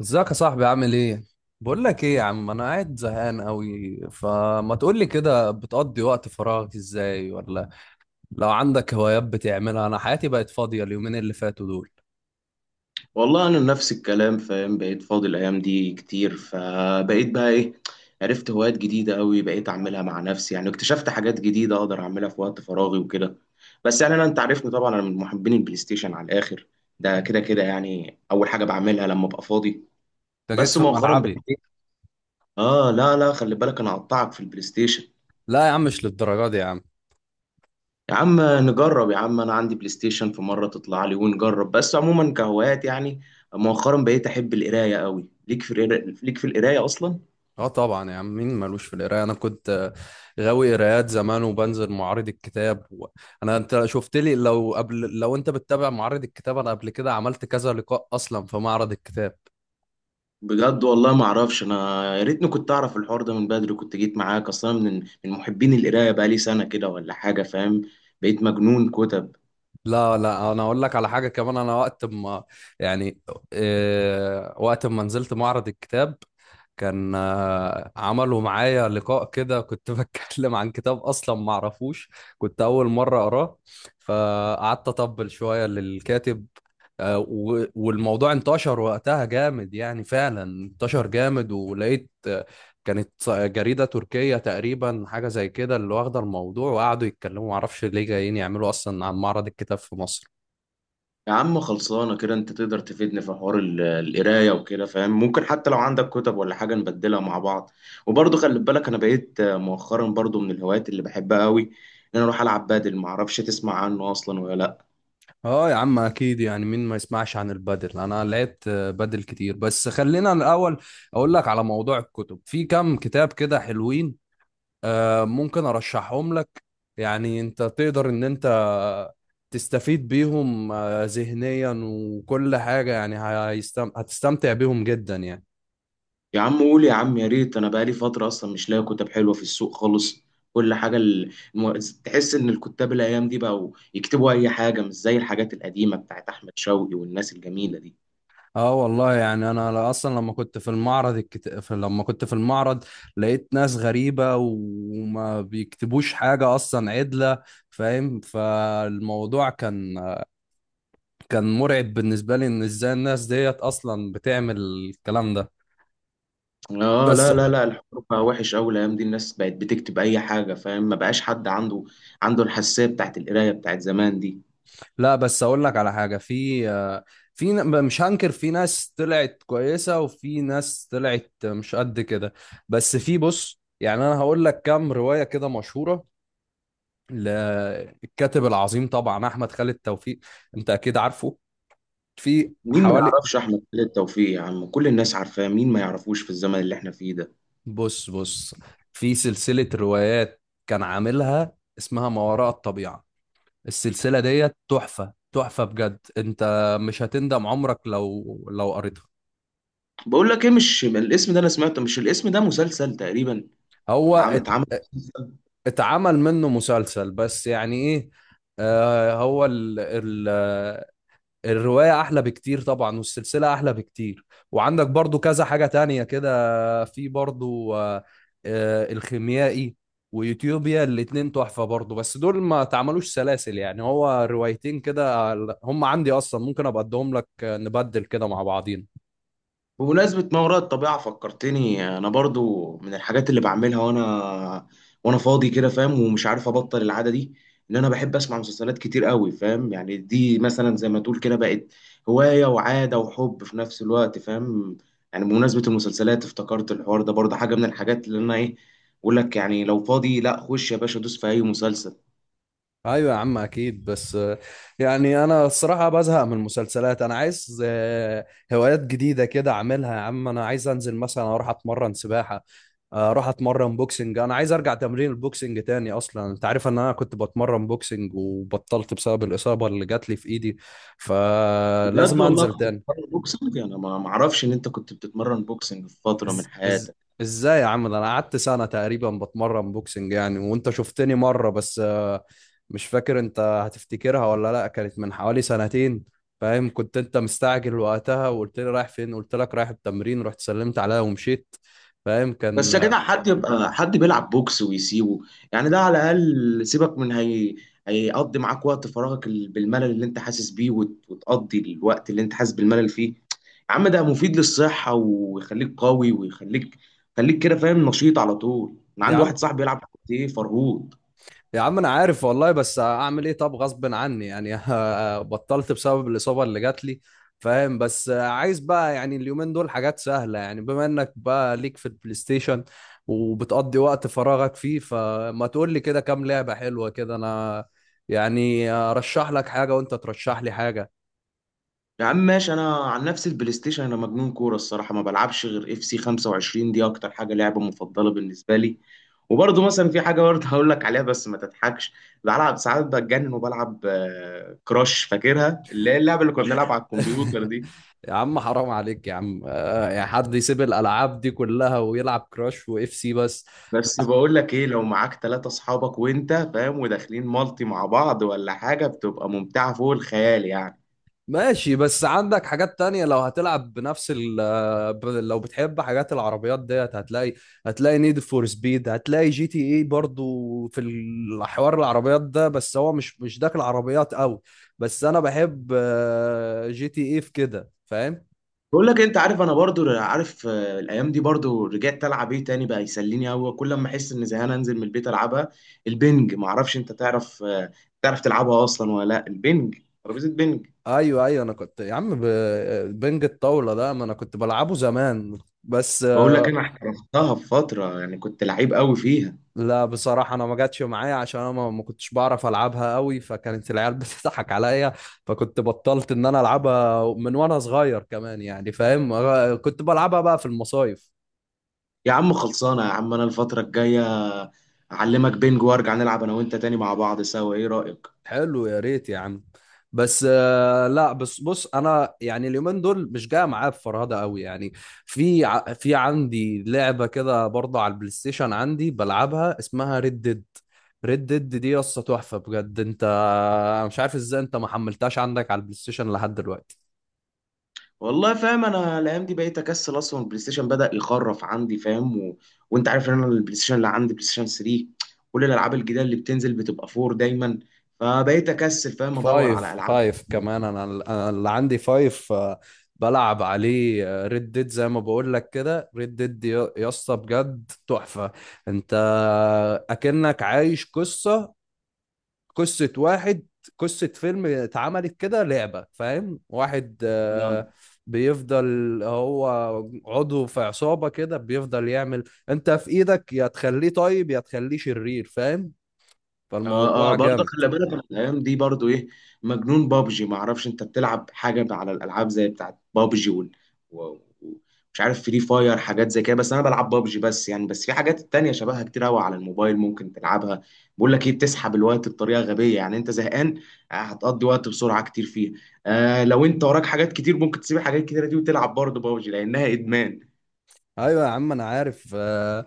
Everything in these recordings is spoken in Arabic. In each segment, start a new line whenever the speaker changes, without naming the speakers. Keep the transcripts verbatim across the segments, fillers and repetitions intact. ازيك يا صاحبي عامل ايه؟ بقول لك ايه يا عم، انا قاعد زهقان قوي. فما تقول لي كده بتقضي وقت فراغك ازاي، ولا لو عندك هوايات بتعملها؟ انا حياتي بقت فاضية اليومين اللي فاتوا دول.
والله انا نفس الكلام، فاهم؟ بقيت فاضي الايام دي كتير، فبقيت بقى ايه، عرفت هوايات جديده قوي بقيت اعملها مع نفسي، يعني اكتشفت حاجات جديده اقدر اعملها في وقت فراغي وكده. بس يعني انا، انت عارفني طبعا، انا من محبين البلاي ستيشن على الاخر. ده كده كده يعني اول حاجه بعملها لما ابقى فاضي.
انت جيت
بس
في
مؤخرا بقيت
ملعبي.
إيه؟ اه لا لا، خلي بالك انا هقطعك في البلاي ستيشن.
لا يا عم، مش للدرجة دي يا عم.
يا عم نجرب يا عم، انا عندي بلاي ستيشن، في مره تطلع لي ونجرب. بس عموما كهوايات، يعني مؤخرا بقيت احب القرايه قوي. ليك في القرا- ليك في القرايه اصلا؟
اه طبعا يا عم، مين مالوش في القراية؟ انا كنت آه، غاوي قرايات زمان، وبنزل معارض الكتاب. و... انا انت شفت لي، لو قبل لو انت بتتابع معارض الكتاب، انا قبل كده عملت كذا لقاء اصلا في معرض الكتاب.
بجد والله ما اعرفش. انا يا ريتني كنت اعرف الحوار ده من بدري، كنت جيت معاك اصلا. من من محبين القرايه بقى لي سنه كده ولا حاجه، فاهم؟ بقيت مجنون كتب.
لا لا، انا اقول لك على حاجه كمان. انا وقت ما يعني، آه، وقت ما نزلت معرض الكتاب، كان آه، عملوا معايا لقاء كده، كنت بتكلم عن كتاب اصلا ما اعرفوش، كنت اول مره اقراه. فقعدت اطبل شويه للكاتب. آه، و- والموضوع انتشر وقتها جامد، يعني فعلا انتشر جامد. ولقيت كانت ص- جريدة تركية تقريبا، حاجة زي كده اللي واخدة الموضوع، وقعدوا يتكلموا، معرفش ليه جايين يعملوا أصلا عن معرض الكتاب في مصر.
يا عم خلصانة كده، انت تقدر تفيدني في حوار ال- القراية وكده، فاهم؟ ممكن حتى لو عندك كتب ولا حاجة نبدلها مع بعض. وبرضه خلي بالك انا بقيت آه، مؤخرا برضه من الهوايات اللي بحبها قوي، ان انا اروح العب بادل، معرفش تسمع عنه اصلا ولا لا.
اه يا عم اكيد، يعني مين ما يسمعش عن البدل. انا لقيت آه، بدل كتير، بس خلينا الاول اقول لك على موضوع الكتب. في كام كتاب كده حلوين، آه، ممكن ارشحهم لك، يعني انت تقدر ان انت تستفيد بيهم آه، ذهنيا وكل حاجة. يعني هيستم... هتستمتع بيهم جدا يعني.
يا عم قول يا عم، يا ريت. انا بقالي فترة اصلا مش لاقي كتب حلوة في السوق خالص. كل حاجة ال- الم- تحس ان الكتاب الايام دي بقوا يكتبوا اي حاجة، مش زي الحاجات القديمة بتاعت احمد شوقي والناس الجميلة دي.
اه والله، يعني انا اصلا لما كنت في المعرض الكت... في- لما كنت في المعرض، لقيت ناس غريبة وما بيكتبوش حاجة اصلا عدلة، فاهم. فالموضوع كان كان مرعب بالنسبة لي ان ازاي الناس ديت اصلا بتعمل الكلام ده.
اه
بس،
لا لا لا، الحوار بقى وحش قوي الايام دي، الناس بقت بتكتب اي حاجه، فاهم؟ ما بقاش حد عنده عنده الحساسيه بتاعت القرايه بتاعت زمان دي.
لا بس اقول لك على حاجة. في في ن- مش هنكر، في ناس طلعت كويسة وفي ناس طلعت مش قد كده. بس في بص، يعني انا هقول لك كام رواية كده مشهورة، للكاتب العظيم طبعا احمد خالد توفيق. انت اكيد عارفه. في
مين ما
حوالي
يعرفش احمد خالد توفيق يا عم؟ كل الناس عارفاه، مين ما يعرفوش في الزمن اللي احنا فيه ده؟
بص بص، في سلسله روايات كان عاملها، اسمها ما وراء الطبيعه. السلسله ديت تحفه تحفه بجد. انت مش هتندم عمرك لو لو قريتها.
بقول لك ايه، مش الاسم ده انا سمعته؟ مش الاسم ده مسلسل تقريبا
هو
العام
ات-
اتعمل؟
اتعمل منه مسلسل، بس يعني ايه؟ آه هو ال... ال... الرواية أحلى بكتير طبعا، والسلسلة أحلى بكتير. وعندك برضو كذا حاجة تانية كده، في برضو آه، آه، الخيميائي ويوتيوبيا. الاتنين تحفة برضو، بس دول ما تعملوش سلاسل، يعني هو روايتين كده. هم عندي أصلا، ممكن أبقى أديهم لك، آه، نبدل كده مع بعضينا.
بمناسبة ما وراء الطبيعة، فكرتني. أنا برضو من الحاجات اللي بعملها وأنا وأنا فاضي كده، فاهم؟ ومش عارف أبطل العادة دي، إن أنا بحب أسمع مسلسلات كتير قوي، فاهم؟ يعني دي مثلا زي ما تقول كده، بقت هواية وعادة وحب في نفس الوقت، فاهم؟ يعني بمناسبة المسلسلات افتكرت الحوار ده برضه، حاجة من الحاجات اللي أنا إيه. بقول لك يعني لو فاضي، لا خش يا باشا دوس في أي مسلسل.
ايوه يا عم اكيد، بس آه، يعني انا الصراحه بزهق من المسلسلات. انا عايز آه، هوايات جديده كده اعملها يا عم. انا عايز انزل مثلا، اروح اتمرن سباحه، آه، اروح اتمرن بوكسنج. انا عايز ارجع تمرين البوكسنج تاني، اصلا انت عارف ان انا كنت بتمرن بوكسنج وبطلت بسبب الاصابه اللي جات لي في ايدي،
بجد
فلازم
والله
انزل
كنت
تاني.
بتتمرن بوكسنج؟ أنا ما ما أعرفش إن أنت كنت بتتمرن بوكسنج في فترة من
إز... إز...
حياتك.
ازاي يا عم؟ ده انا قعدت سنة تقريبا بتمرن بوكسنج يعني، وانت شفتني مرة بس آه، مش فاكر انت هتفتكرها ولا لا. كانت من حوالي سنتين، فاهم. كنت انت مستعجل وقتها، وقلت لي رايح فين، قلت لك رايح التمرين، رحت سلمت عليها ومشيت. فاهم
بس يا
كان.
جدع، حد يبقى حد بيلعب بوكس ويسيبه؟ يعني ده على الاقل، سيبك من، هي هيقضي معاك وقت فراغك ال- بالملل اللي انت حاسس بيه، وت- وتقضي الوقت اللي انت حاسس بالملل فيه. يا عم ده مفيد للصحة، ويخليك قوي، ويخليك خليك كده فاهم نشيط على طول. انا
يا
عندي
عم
واحد صاحبي بيلعب كاراتيه فرهود.
يا عم انا عارف والله، بس اعمل ايه؟ طب غصب عني يعني. بطلت بسبب الاصابه اللي جات لي، فاهم. بس عايز بقى، يعني اليومين دول حاجات سهله. يعني بما انك بقى ليك في البلاي ستيشن وبتقضي وقت فراغك فيه، فما تقول لي كده كام لعبه حلوه كده، انا يعني ارشح لك حاجه وانت ترشح لي حاجه.
يا عم ماشي، انا عن نفسي البلاي ستيشن، انا مجنون كورة، الصراحة ما بلعبش غير اف سي خمسة وعشرين، دي اكتر حاجة لعبة مفضلة بالنسبة لي. وبرضه مثلا في حاجه برضه هقول لك عليها، بس ما تضحكش. بلعب ساعات بتجنن، وبلعب آه، كراش، فاكرها؟ اللي هي اللعبه اللي كنا بنلعب على الكمبيوتر دي.
يا عم حرام عليك يا عم، آه، يعني حد يسيب الالعاب دي كلها ويلعب كراش واف سي بس؟
بس بقول لك ايه، لو معاك ثلاثة اصحابك وانت فاهم، وداخلين مالتي مع بعض ولا حاجه، بتبقى ممتعه فوق الخيال يعني.
ماشي، بس عندك حاجات تانية. لو هتلعب بنفس ال ب- لو بتحب حاجات العربيات ديت، هتلاقي، هتلاقي نيد فور سبيد، هتلاقي جي تي اي برضو في الحوار العربيات ده، بس هو مش مش داخل عربيات قوي. بس انا بحب آه، جي تي اي في كده، فاهم.
بقول لك انت عارف، انا برضو عارف، آه، الايام دي برضو رجعت العب ايه تاني بقى يسليني قوي، كل ما احس ان زهقان انزل من البيت العبها. البنج، ما اعرفش انت تعرف، آه، تعرف تلعبها اصلا ولا لا؟ البنج، ترابيزه بنج.
ايوه ايوه، انا كنت يا عم ب- بنج الطاولة ده، ما انا كنت بلعبه زمان. بس
بقول لك، انا احترفتها في فتره، يعني كنت لعيب قوي فيها.
لا بصراحة، أنا ما جاتش معايا عشان أنا ما ما كنتش بعرف ألعبها قوي، فكانت العيال بتضحك عليا. فكنت بطلت إن أنا ألعبها من وأنا صغير كمان يعني، فاهم. كنت بلعبها بقى في المصايف.
يا عم خلصانه يا عم، انا الفتره الجايه اعلمك بينج، وارجع نلعب انا وانت تاني مع بعض سوا، ايه رايك؟
حلو، يا ريت يا عم. بس آه، لا بس بص، انا يعني اليومين دول مش جاي معايا بفرهده قوي يعني. في ع- في عندي لعبه كده برضه على البلاي ستيشن، عندي بلعبها، اسمها ريد ديد. ريد ديد دي قصه تحفه بجد. انت أنا مش عارف ازاي انت ما حملتهاش عندك على البلاي ستيشن لحد دلوقتي.
والله فاهم، انا الايام دي بقيت اكسل اصلا، البلاي ستيشن بدا يخرف عندي، فاهم؟ و... وانت عارف ان انا البلاي ستيشن اللي عندي بلاي ستيشن تلاتة، كل الالعاب الجديده اللي بتنزل بتبقى اربعة دايما، فبقيت اكسل فاهم ادور على
فايف
العاب
فايف كمان، انا انا اللي عندي فايف. آه، بلعب عليه ريد ديد، زي ما بقول لك كده. ريد ديد يا يا اسطى بجد تحفة. انت اكنك عايش قصة قصة واحد قصة فيلم اتعملت كده لعبة، فاهم. واحد آه،
جديدة.
بيفضل، هو عضو في عصابة كده، بيفضل يعمل، انت في ايدك، يا تخليه طيب يا تخليه شرير، فاهم.
اه اه،
فالموضوع
برضه
جامد.
خلي بالك أنا الايام دي برضه ايه، مجنون بابجي. ما اعرفش انت بتلعب حاجه على الالعاب زي بتاعت بابجي وال... و... و- مش عارف، فري فاير حاجات زي كده. بس انا بلعب بابجي بس، يعني بس في حاجات تانية شبهها كتير قوي على الموبايل ممكن تلعبها. بقول لك ايه، بتسحب الوقت بطريقه غبيه يعني، انت زهقان آه، هتقضي وقت بسرعه كتير فيها. آه لو انت وراك حاجات كتير ممكن تسيب الحاجات الكتيره دي وتلعب برضه بابجي، لانها ادمان.
ايوه يا عم انا عارف، آه،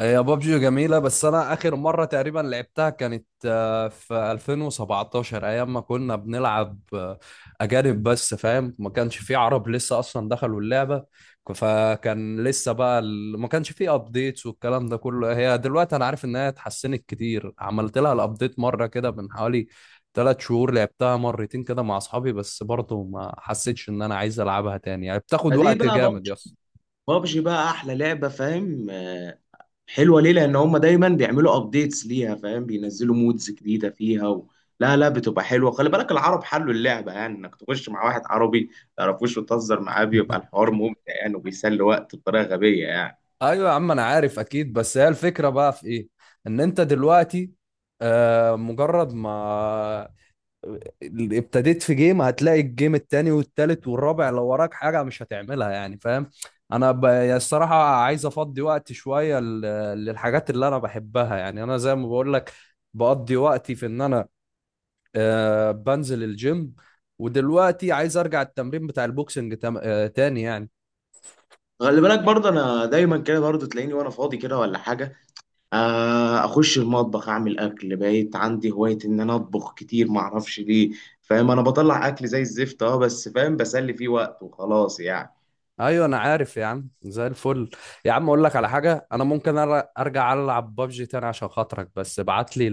هي بابجي جميلة. بس أنا آخر مرة تقريبا لعبتها كانت آه، في ألفين وسبعتاشر، أيام ما كنا بنلعب آه، أجانب بس، فاهم. ما كانش في عرب لسه أصلا دخلوا اللعبة، ك- فكان لسه بقى ال- ما كانش في أبديتس والكلام ده كله. هي دلوقتي أنا عارف إنها اتحسنت كتير، عملت لها الأبديت مرة كده من حوالي ثلاث شهور، لعبتها مرتين كده مع أصحابي، بس برضه ما حسيتش إن أنا عايز ألعبها تاني يعني، بتاخد
فدي
وقت
بقى
جامد يا...
بابجي. بابجي بقى احلى لعبه، فاهم؟ آه، حلوه ليه؟ لان هم دايما بيعملوا ابديتس ليها، فاهم؟ بينزلوا مودز جديده فيها و... لا لا، بتبقى حلوه. خلي بالك العرب حلوا اللعبه، يعني انك تخش مع واحد عربي ما تعرفوش وتهزر معاه، بيبقى الحوار ممتع يعني، وبيسلي وقت بطريقه غبيه يعني.
ايوه يا عم انا عارف اكيد، بس هي الفكره بقى في ايه؟ ان انت دلوقتي آه، مجرد ما آه، ابتديت في جيم، هتلاقي الجيم التاني والتالت والرابع، لو وراك حاجه مش هتعملها يعني، فاهم. انا ب... يعني الصراحه عايز افضي وقت شويه ل... للحاجات اللي انا بحبها. يعني انا زي ما بقول لك، بقضي وقتي في ان انا آه، بنزل الجيم. ودلوقتي عايز ارجع التمرين بتاع البوكسنج تم... آه، تاني يعني.
خلي بالك برضه، انا دايما كده برضه تلاقيني وانا فاضي كده ولا حاجه، آه، اخش المطبخ اعمل اكل، بقيت عندي هوايه ان انا اطبخ كتير، ما اعرفش ليه، فاهم؟ انا بطلع اكل زي الزفت، اه بس فاهم، بسلي فيه وقت وخلاص يعني.
ايوه انا عارف يا عم زي الفل. يا عم اقول لك على حاجه، انا ممكن أر- ارجع العب بابجي تاني عشان خاطرك، بس ابعت لي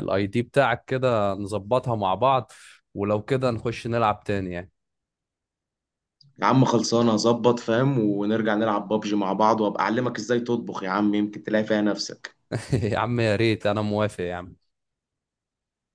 الاي دي بتاعك كده نظبطها مع بعض، ولو كده نخش نلعب تاني يعني.
يا عم خلصانه، هظبط فاهم، ونرجع نلعب بابجي مع بعض، وابقى اعلمك ازاي تطبخ يا عم، يمكن تلاقي فيها نفسك.
يا عم يا ريت، انا موافق يا عم.